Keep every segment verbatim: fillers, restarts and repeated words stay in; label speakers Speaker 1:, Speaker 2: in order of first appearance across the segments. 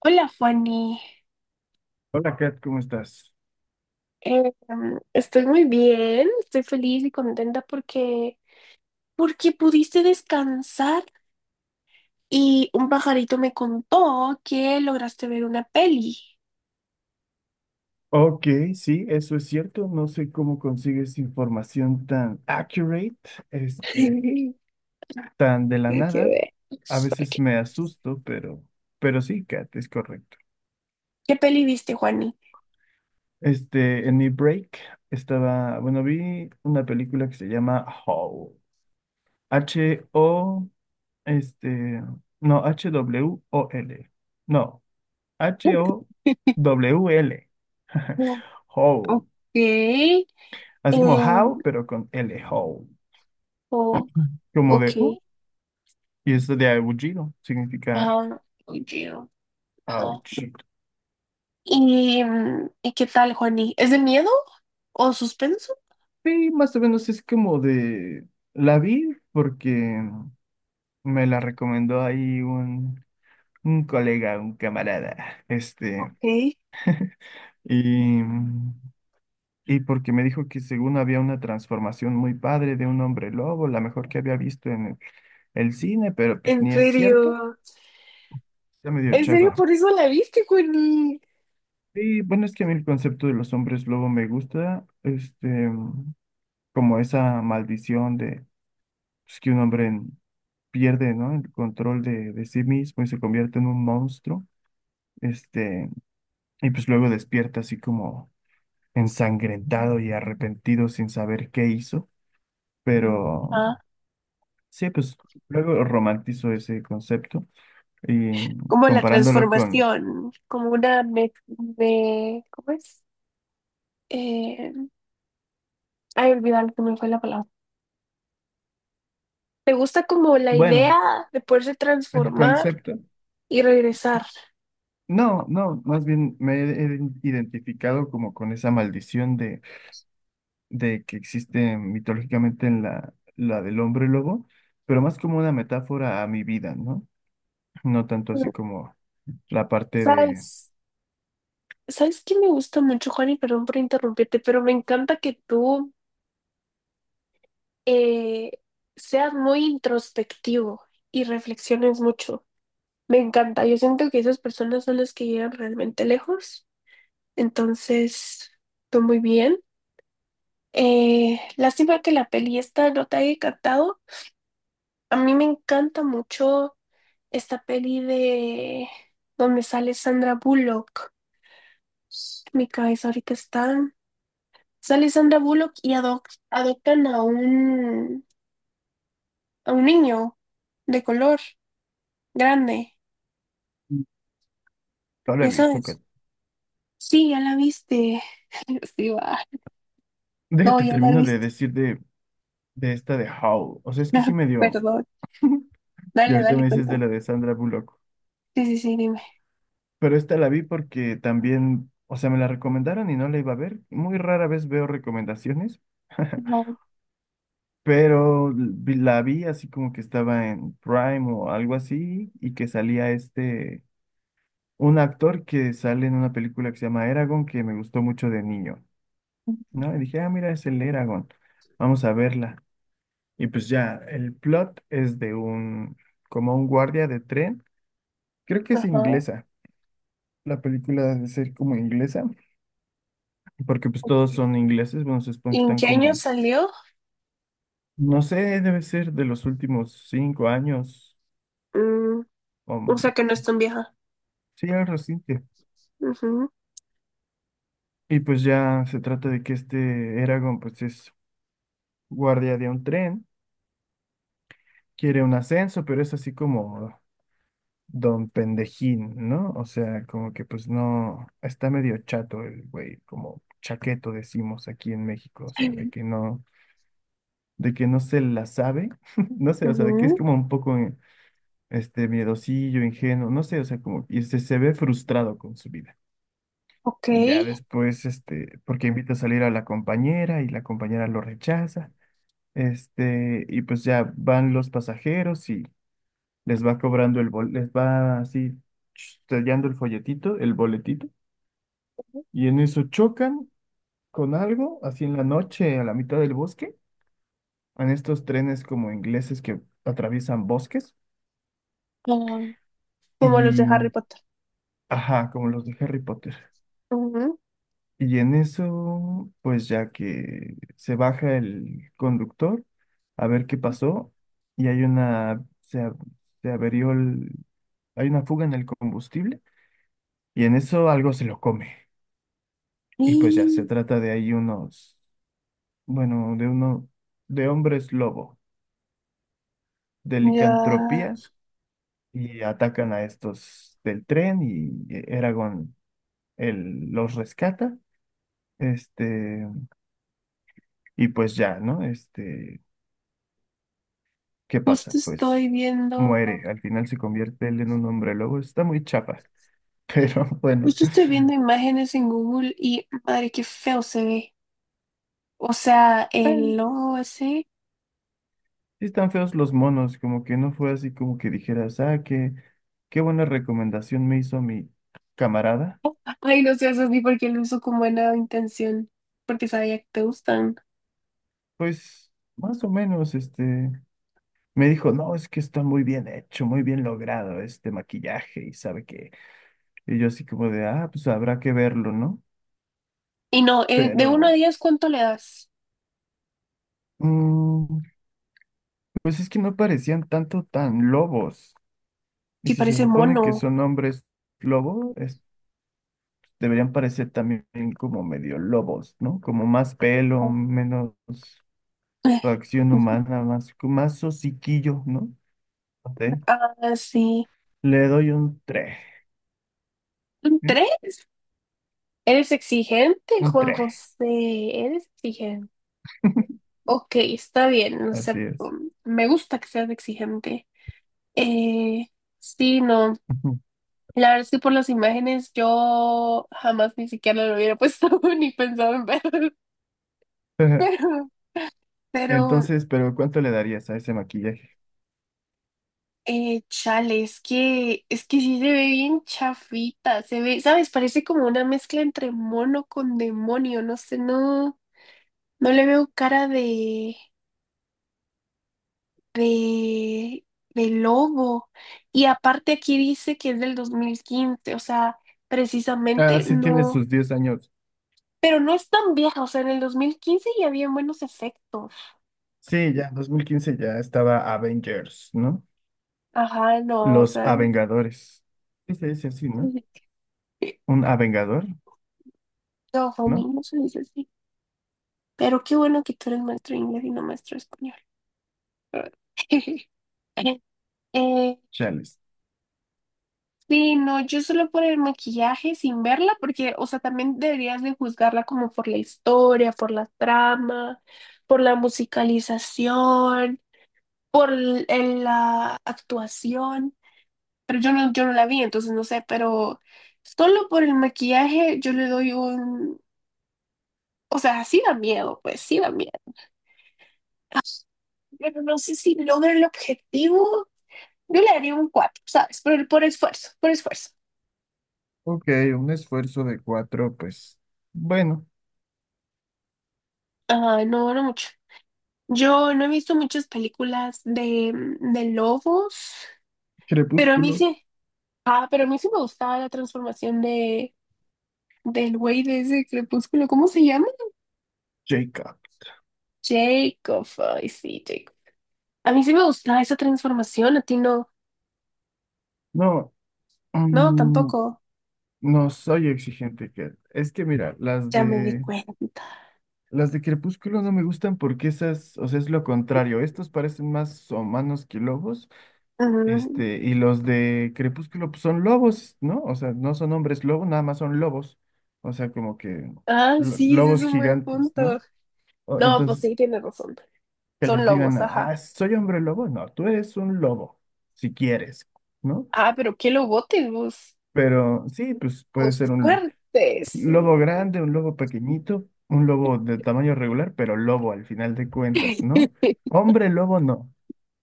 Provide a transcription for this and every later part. Speaker 1: Hola, Fanny.
Speaker 2: Hola Kat, ¿cómo estás?
Speaker 1: Eh, estoy muy bien, estoy feliz y contenta porque, porque pudiste descansar y un pajarito me contó que lograste ver una peli.
Speaker 2: Ok, sí, eso es cierto. No sé cómo consigues información tan accurate, este, tan de la
Speaker 1: Hay que
Speaker 2: nada.
Speaker 1: ver.
Speaker 2: A veces
Speaker 1: ¿Qué,
Speaker 2: me asusto, pero, pero sí, Kat, es correcto.
Speaker 1: ¿qué peli viste, Juani?
Speaker 2: Este, en mi break estaba, bueno, vi una película que se llama Howl. H-O, este, no, H-W-O-L. No, H-O-W-L.
Speaker 1: Mm. Ok.
Speaker 2: Howl.
Speaker 1: eh,
Speaker 2: Así como how, pero con L, Howl.
Speaker 1: oh,
Speaker 2: Como de
Speaker 1: ok.
Speaker 2: "Uh", y es de aullido, significa
Speaker 1: Ajá, oye, ajá.
Speaker 2: aullido.
Speaker 1: ¿Y, mm, ¿y qué tal, Juani? ¿Es de miedo o suspenso?
Speaker 2: Y más o menos es como de la vi porque me la recomendó ahí un, un colega, un camarada, este,
Speaker 1: Ok,
Speaker 2: y, y porque me dijo que según había una transformación muy padre de un hombre lobo, la mejor que había visto en el, el cine, pero pues
Speaker 1: en
Speaker 2: ni es cierto,
Speaker 1: serio.
Speaker 2: está medio
Speaker 1: En serio,
Speaker 2: chafa.
Speaker 1: por eso la viste, Connie.
Speaker 2: Y bueno, es que a mí el concepto de los hombres lobo me gusta, este. Como esa maldición de pues, que un hombre en- pierde, ¿no? El control de, de sí mismo y se convierte en un monstruo, este, y pues luego despierta así como ensangrentado y arrepentido sin saber qué hizo, pero
Speaker 1: Ajá.
Speaker 2: sí, pues luego romantizo ese concepto y
Speaker 1: Como la
Speaker 2: comparándolo con,
Speaker 1: transformación, como una me, me- ¿cómo es? Eh, ay, olvidar que me fue la palabra. ¿Te gusta como la
Speaker 2: bueno,
Speaker 1: idea de poderse
Speaker 2: el
Speaker 1: transformar
Speaker 2: concepto.
Speaker 1: y regresar?
Speaker 2: No, no, más bien me he identificado como con esa maldición de de que existe mitológicamente en la, la del hombre lobo, pero más como una metáfora a mi vida, ¿no? No tanto así como la parte de.
Speaker 1: ¿Sabes? ¿Sabes qué me gusta mucho, Juan? Y perdón por interrumpirte, pero me encanta que tú eh, seas muy introspectivo y reflexiones mucho. Me encanta. Yo siento que esas personas son las que llegan realmente lejos. Entonces, fue muy bien. Eh, lástima que la peli esta no te haya encantado. A mí me encanta mucho esta peli de donde sale Sandra Bullock. Mi cabeza ahorita está. Sale Sandra Bullock y adoc- adoptan a un, a un niño de color grande.
Speaker 2: No la he
Speaker 1: ¿Ya
Speaker 2: visto, Kat.
Speaker 1: sabes? Sí, ya la viste. Sí, va. No,
Speaker 2: Déjate,
Speaker 1: ya la
Speaker 2: termino de
Speaker 1: viste.
Speaker 2: decir de, de esta de Howl. O sea, es que sí me dio.
Speaker 1: Perdón.
Speaker 2: Y
Speaker 1: Dale,
Speaker 2: ahorita
Speaker 1: dale,
Speaker 2: me dices de
Speaker 1: cuéntame.
Speaker 2: la de Sandra Bullock.
Speaker 1: Sí, sí, sí, dime.
Speaker 2: Pero esta la vi porque también, o sea, me la recomendaron y no la iba a ver. Muy rara vez veo recomendaciones.
Speaker 1: No.
Speaker 2: Pero vi- la vi así como que estaba en Prime o algo así y que salía este... un actor que sale en una película que se llama Eragon, que me gustó mucho de niño, ¿no? Y dije, ah, mira, es el Eragon, vamos a verla. Y pues ya, el plot es de un, como un guardia de tren, creo que es
Speaker 1: Ajá.
Speaker 2: inglesa, la película debe ser como inglesa, porque pues todos son ingleses, bueno, se supone
Speaker 1: ¿Y
Speaker 2: que
Speaker 1: en
Speaker 2: están
Speaker 1: qué año
Speaker 2: como,
Speaker 1: salió?
Speaker 2: no sé, debe ser de los últimos cinco años,
Speaker 1: Mm,
Speaker 2: o,
Speaker 1: o sea que no es tan vieja.
Speaker 2: sí, algo reciente.
Speaker 1: Ujú,
Speaker 2: Y pues ya se trata de que este Eragon, pues es guardia de un tren quiere un ascenso, pero es así como don pendejín, ¿no? O sea, como que pues no, está medio chato el güey, como chaqueto decimos aquí en México, o sea, de que no, de que no se la sabe, no sé, o sea, de que es
Speaker 1: ujú.
Speaker 2: como un poco eh, este miedosillo, ingenuo, no sé, o sea, como, y se, se ve frustrado con su vida.
Speaker 1: Ok.
Speaker 2: Ya después, este, porque invita a salir a la compañera y la compañera lo rechaza. Este, y pues ya van los pasajeros y les va cobrando el bol, les va así sellando el folletito, el boletito, y en eso chocan con algo, así en la noche, a la mitad del bosque, en estos trenes como ingleses que atraviesan bosques,
Speaker 1: Ah, como los de Harry
Speaker 2: y
Speaker 1: Potter.
Speaker 2: ajá, como los de Harry Potter.
Speaker 1: Ujú.
Speaker 2: Y en eso, pues ya que se baja el conductor a ver qué pasó, y hay una, se, a- se averió el- hay una fuga en el combustible, y en eso algo se lo come. Y pues ya se
Speaker 1: Y
Speaker 2: trata de ahí unos, bueno, de uno, de hombres lobo, de
Speaker 1: ya,
Speaker 2: licantropía, y atacan a estos del tren y eh, Eragon él los rescata. Este, y pues ya, ¿no? Este, ¿qué
Speaker 1: justo
Speaker 2: pasa?
Speaker 1: estoy
Speaker 2: Pues
Speaker 1: viendo,
Speaker 2: muere, al final se convierte él en un hombre lobo, está muy chapa, pero bueno,
Speaker 1: justo estoy viendo imágenes en Google y madre, qué feo se ve. O sea, el
Speaker 2: sí
Speaker 1: logo ese.
Speaker 2: están feos los monos, como que no fue así como que dijeras, ah, qué, qué buena recomendación me hizo mi camarada.
Speaker 1: Ay, no sé, eso ni porque lo uso con buena intención, porque sabía que te gustan.
Speaker 2: Pues más o menos, este, me dijo, no, es que está muy bien hecho, muy bien logrado este maquillaje y sabe que, y yo así como de, ah, pues habrá que verlo, ¿no?
Speaker 1: Y no, eh, de uno a
Speaker 2: Pero,
Speaker 1: diez, ¿cuánto le das?
Speaker 2: mm, pues es que no parecían tanto tan lobos. Y
Speaker 1: Si
Speaker 2: si se
Speaker 1: parece
Speaker 2: supone que
Speaker 1: mono.
Speaker 2: son hombres lobo, es- deberían parecer también como medio lobos, ¿no? Como más pelo, menos
Speaker 1: Eh.
Speaker 2: facción humana, más, más hociquillo, ¿no? No sé.
Speaker 1: Ah, sí.
Speaker 2: Le doy un tres,
Speaker 1: ¿Son
Speaker 2: ¿eh?
Speaker 1: ¿Tres? ¿Eres exigente,
Speaker 2: Un
Speaker 1: Juan
Speaker 2: tres.
Speaker 1: José? ¿Eres exigente? Ok, está bien, no
Speaker 2: Así
Speaker 1: sé,
Speaker 2: es.
Speaker 1: um, me gusta que seas exigente. Eh, sí, no,
Speaker 2: Ujú.
Speaker 1: la verdad es que por las imágenes yo jamás ni siquiera lo hubiera puesto ni pensado en ver, pero, pero,
Speaker 2: Entonces, pero ¿cuánto le darías a ese maquillaje?
Speaker 1: eh, chale, es que, es que sí se ve bien chafita, se ve, ¿sabes? Parece como una mezcla entre mono con demonio, no sé, no. No le veo cara de, de, de lobo. Y aparte aquí dice que es del dos mil quince, o sea,
Speaker 2: Ah,
Speaker 1: precisamente
Speaker 2: sí tiene
Speaker 1: no,
Speaker 2: sus diez años.
Speaker 1: pero no es tan vieja, o sea, en el dos mil quince ya había buenos efectos.
Speaker 2: Sí, ya, dos mil quince ya estaba Avengers, ¿no?
Speaker 1: Ajá, no, o
Speaker 2: Los
Speaker 1: sea,
Speaker 2: Avengadores. Sí se dice así, ¿no? Un Avengador,
Speaker 1: no, homie,
Speaker 2: ¿no?
Speaker 1: no se dice así. Pero qué bueno que tú eres maestro de inglés y no maestro de español. Eh.
Speaker 2: Chales.
Speaker 1: Sí, no, yo solo por el maquillaje sin verla, porque, o sea, también deberías de juzgarla como por la historia, por la trama, por la musicalización, por l- el- la actuación, pero yo no, yo no la vi, entonces no sé, pero solo por el maquillaje yo le doy un, o sea, sí da miedo, pues sí da miedo, pero no sé si logra el objetivo, yo le daría un cuatro, ¿sabes? Por, el- por esfuerzo, por esfuerzo.
Speaker 2: Ok, un esfuerzo de cuatro, pues, bueno,
Speaker 1: Ah, no, no mucho. Yo no he visto muchas películas de, mm, de lobos, pero a mí
Speaker 2: Crepúsculo,
Speaker 1: sí, ah, pero a mí sí me gustaba la transformación de, del güey de ese crepúsculo, ¿cómo se llama?
Speaker 2: Jacob.
Speaker 1: Jacob, ay sí, Jacob. A mí sí me gustaba esa transformación, a ti no,
Speaker 2: No,
Speaker 1: no,
Speaker 2: mm,
Speaker 1: tampoco,
Speaker 2: no soy exigente, que Es que mira, las
Speaker 1: ya me di
Speaker 2: de
Speaker 1: cuenta.
Speaker 2: Las de Crepúsculo no me gustan porque esas, o sea, es lo contrario. Estos parecen más humanos que lobos.
Speaker 1: Mm.
Speaker 2: Este, y los de Crepúsculo pues, son lobos, ¿no? O sea, no son hombres lobo, nada más son lobos. O sea, como que
Speaker 1: Ah,
Speaker 2: lo-
Speaker 1: sí, ese es
Speaker 2: lobos
Speaker 1: un buen
Speaker 2: gigantes,
Speaker 1: punto.
Speaker 2: ¿no? O-
Speaker 1: No, pues
Speaker 2: entonces,
Speaker 1: sí, tienes razón,
Speaker 2: que
Speaker 1: son
Speaker 2: les digan,
Speaker 1: lobos,
Speaker 2: ah,
Speaker 1: ajá.
Speaker 2: soy hombre lobo. No, tú eres un lobo, si quieres, ¿no?
Speaker 1: Ah, pero qué lobotes vos,
Speaker 2: Pero sí, pues puede
Speaker 1: vos
Speaker 2: ser un,
Speaker 1: fuertes,
Speaker 2: lobo
Speaker 1: sí.
Speaker 2: grande, un lobo pequeñito, un lobo de tamaño regular, pero lobo al final de cuentas, ¿no? Hombre lobo no.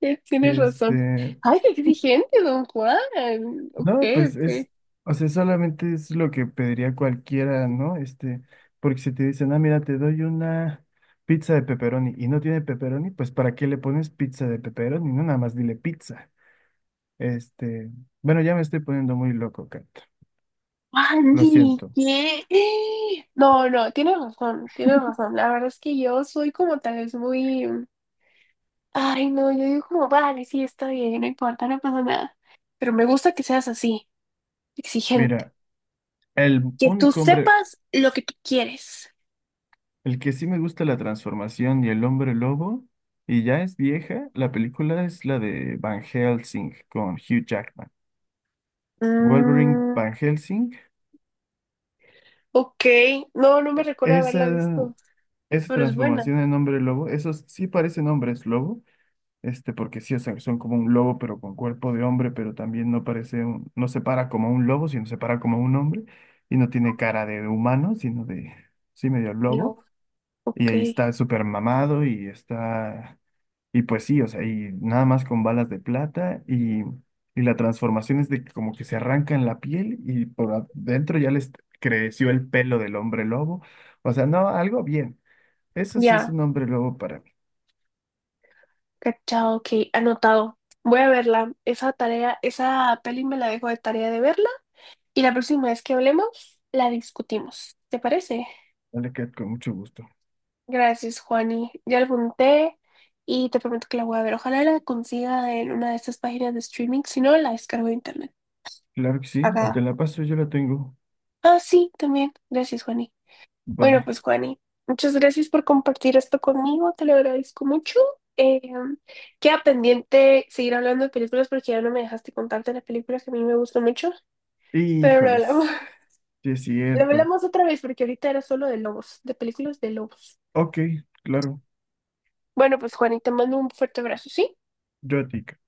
Speaker 1: Eh. Tienes razón.
Speaker 2: Este,
Speaker 1: Ay, qué exigente, don Juan. Ok,
Speaker 2: no, pues
Speaker 1: ok.
Speaker 2: es, o sea, solamente es lo que pediría cualquiera, ¿no? Este, porque si te dicen, ah, mira, te doy una pizza de pepperoni y no tiene pepperoni, pues ¿para qué le pones pizza de pepperoni? No, nada más dile pizza. Este, bueno, ya me estoy poniendo muy loco, Kat. Lo
Speaker 1: Andy,
Speaker 2: siento.
Speaker 1: ¿qué? No, no, tienes razón, tienes razón. La verdad es que yo soy como tal vez muy... Ay, no, yo digo como, vale, sí, está bien, no importa, no pasa nada. Pero me gusta que seas así, exigente.
Speaker 2: Mira, el
Speaker 1: Que tú
Speaker 2: único hombre
Speaker 1: sepas lo que tú quieres.
Speaker 2: el que sí me gusta la transformación y el hombre lobo, y ya es vieja, la película es la de Van Helsing con Hugh Jackman. Wolverine
Speaker 1: Mm,
Speaker 2: Van Helsing,
Speaker 1: ok, no, no me recuerdo haberla
Speaker 2: esa,
Speaker 1: visto,
Speaker 2: esa
Speaker 1: pero es buena.
Speaker 2: transformación en hombre lobo, esos sí parecen hombres lobo, este, porque sí, o sea, son como un lobo, pero con cuerpo de hombre, pero también no parece, un- no se para como un lobo, sino se para como un hombre, y no tiene cara de humano, sino de, sí, medio lobo.
Speaker 1: Aló,
Speaker 2: Y
Speaker 1: ok,
Speaker 2: ahí está súper mamado y está y pues sí, o sea, y nada más con balas de plata y, y la transformación es de que como que se arrancan la piel y por adentro ya les creció el pelo del hombre lobo. O sea, no, algo bien. Eso sí es
Speaker 1: ya.
Speaker 2: un hombre lobo para mí.
Speaker 1: Cachado, ok, anotado. Voy a verla. Esa tarea, esa peli me la dejo de tarea de verla. Y la próxima vez que hablemos, la discutimos. ¿Te parece?
Speaker 2: Vale, Kat, con mucho gusto.
Speaker 1: Gracias, Juani. Ya la apunté y te prometo que la voy a ver. Ojalá la consiga en una de estas páginas de streaming. Si no, la descargo de internet.
Speaker 2: Claro que sí, o te
Speaker 1: Acá.
Speaker 2: la paso, yo la tengo.
Speaker 1: Ah, sí, también. Gracias, Juani. Bueno,
Speaker 2: Vale.
Speaker 1: pues Juani, muchas gracias por compartir esto conmigo, te lo agradezco mucho. Eh, queda pendiente seguir hablando de películas porque ya no me dejaste contarte las películas que a mí me gustan mucho, pero lo hablamos,
Speaker 2: Híjoles, sí es
Speaker 1: lo
Speaker 2: cierto.
Speaker 1: hablamos otra vez porque ahorita era solo de lobos, de películas de lobos.
Speaker 2: Ok, claro,
Speaker 1: Bueno, pues Juani, te mando un fuerte abrazo, ¿sí?
Speaker 2: yo a ti, Kat.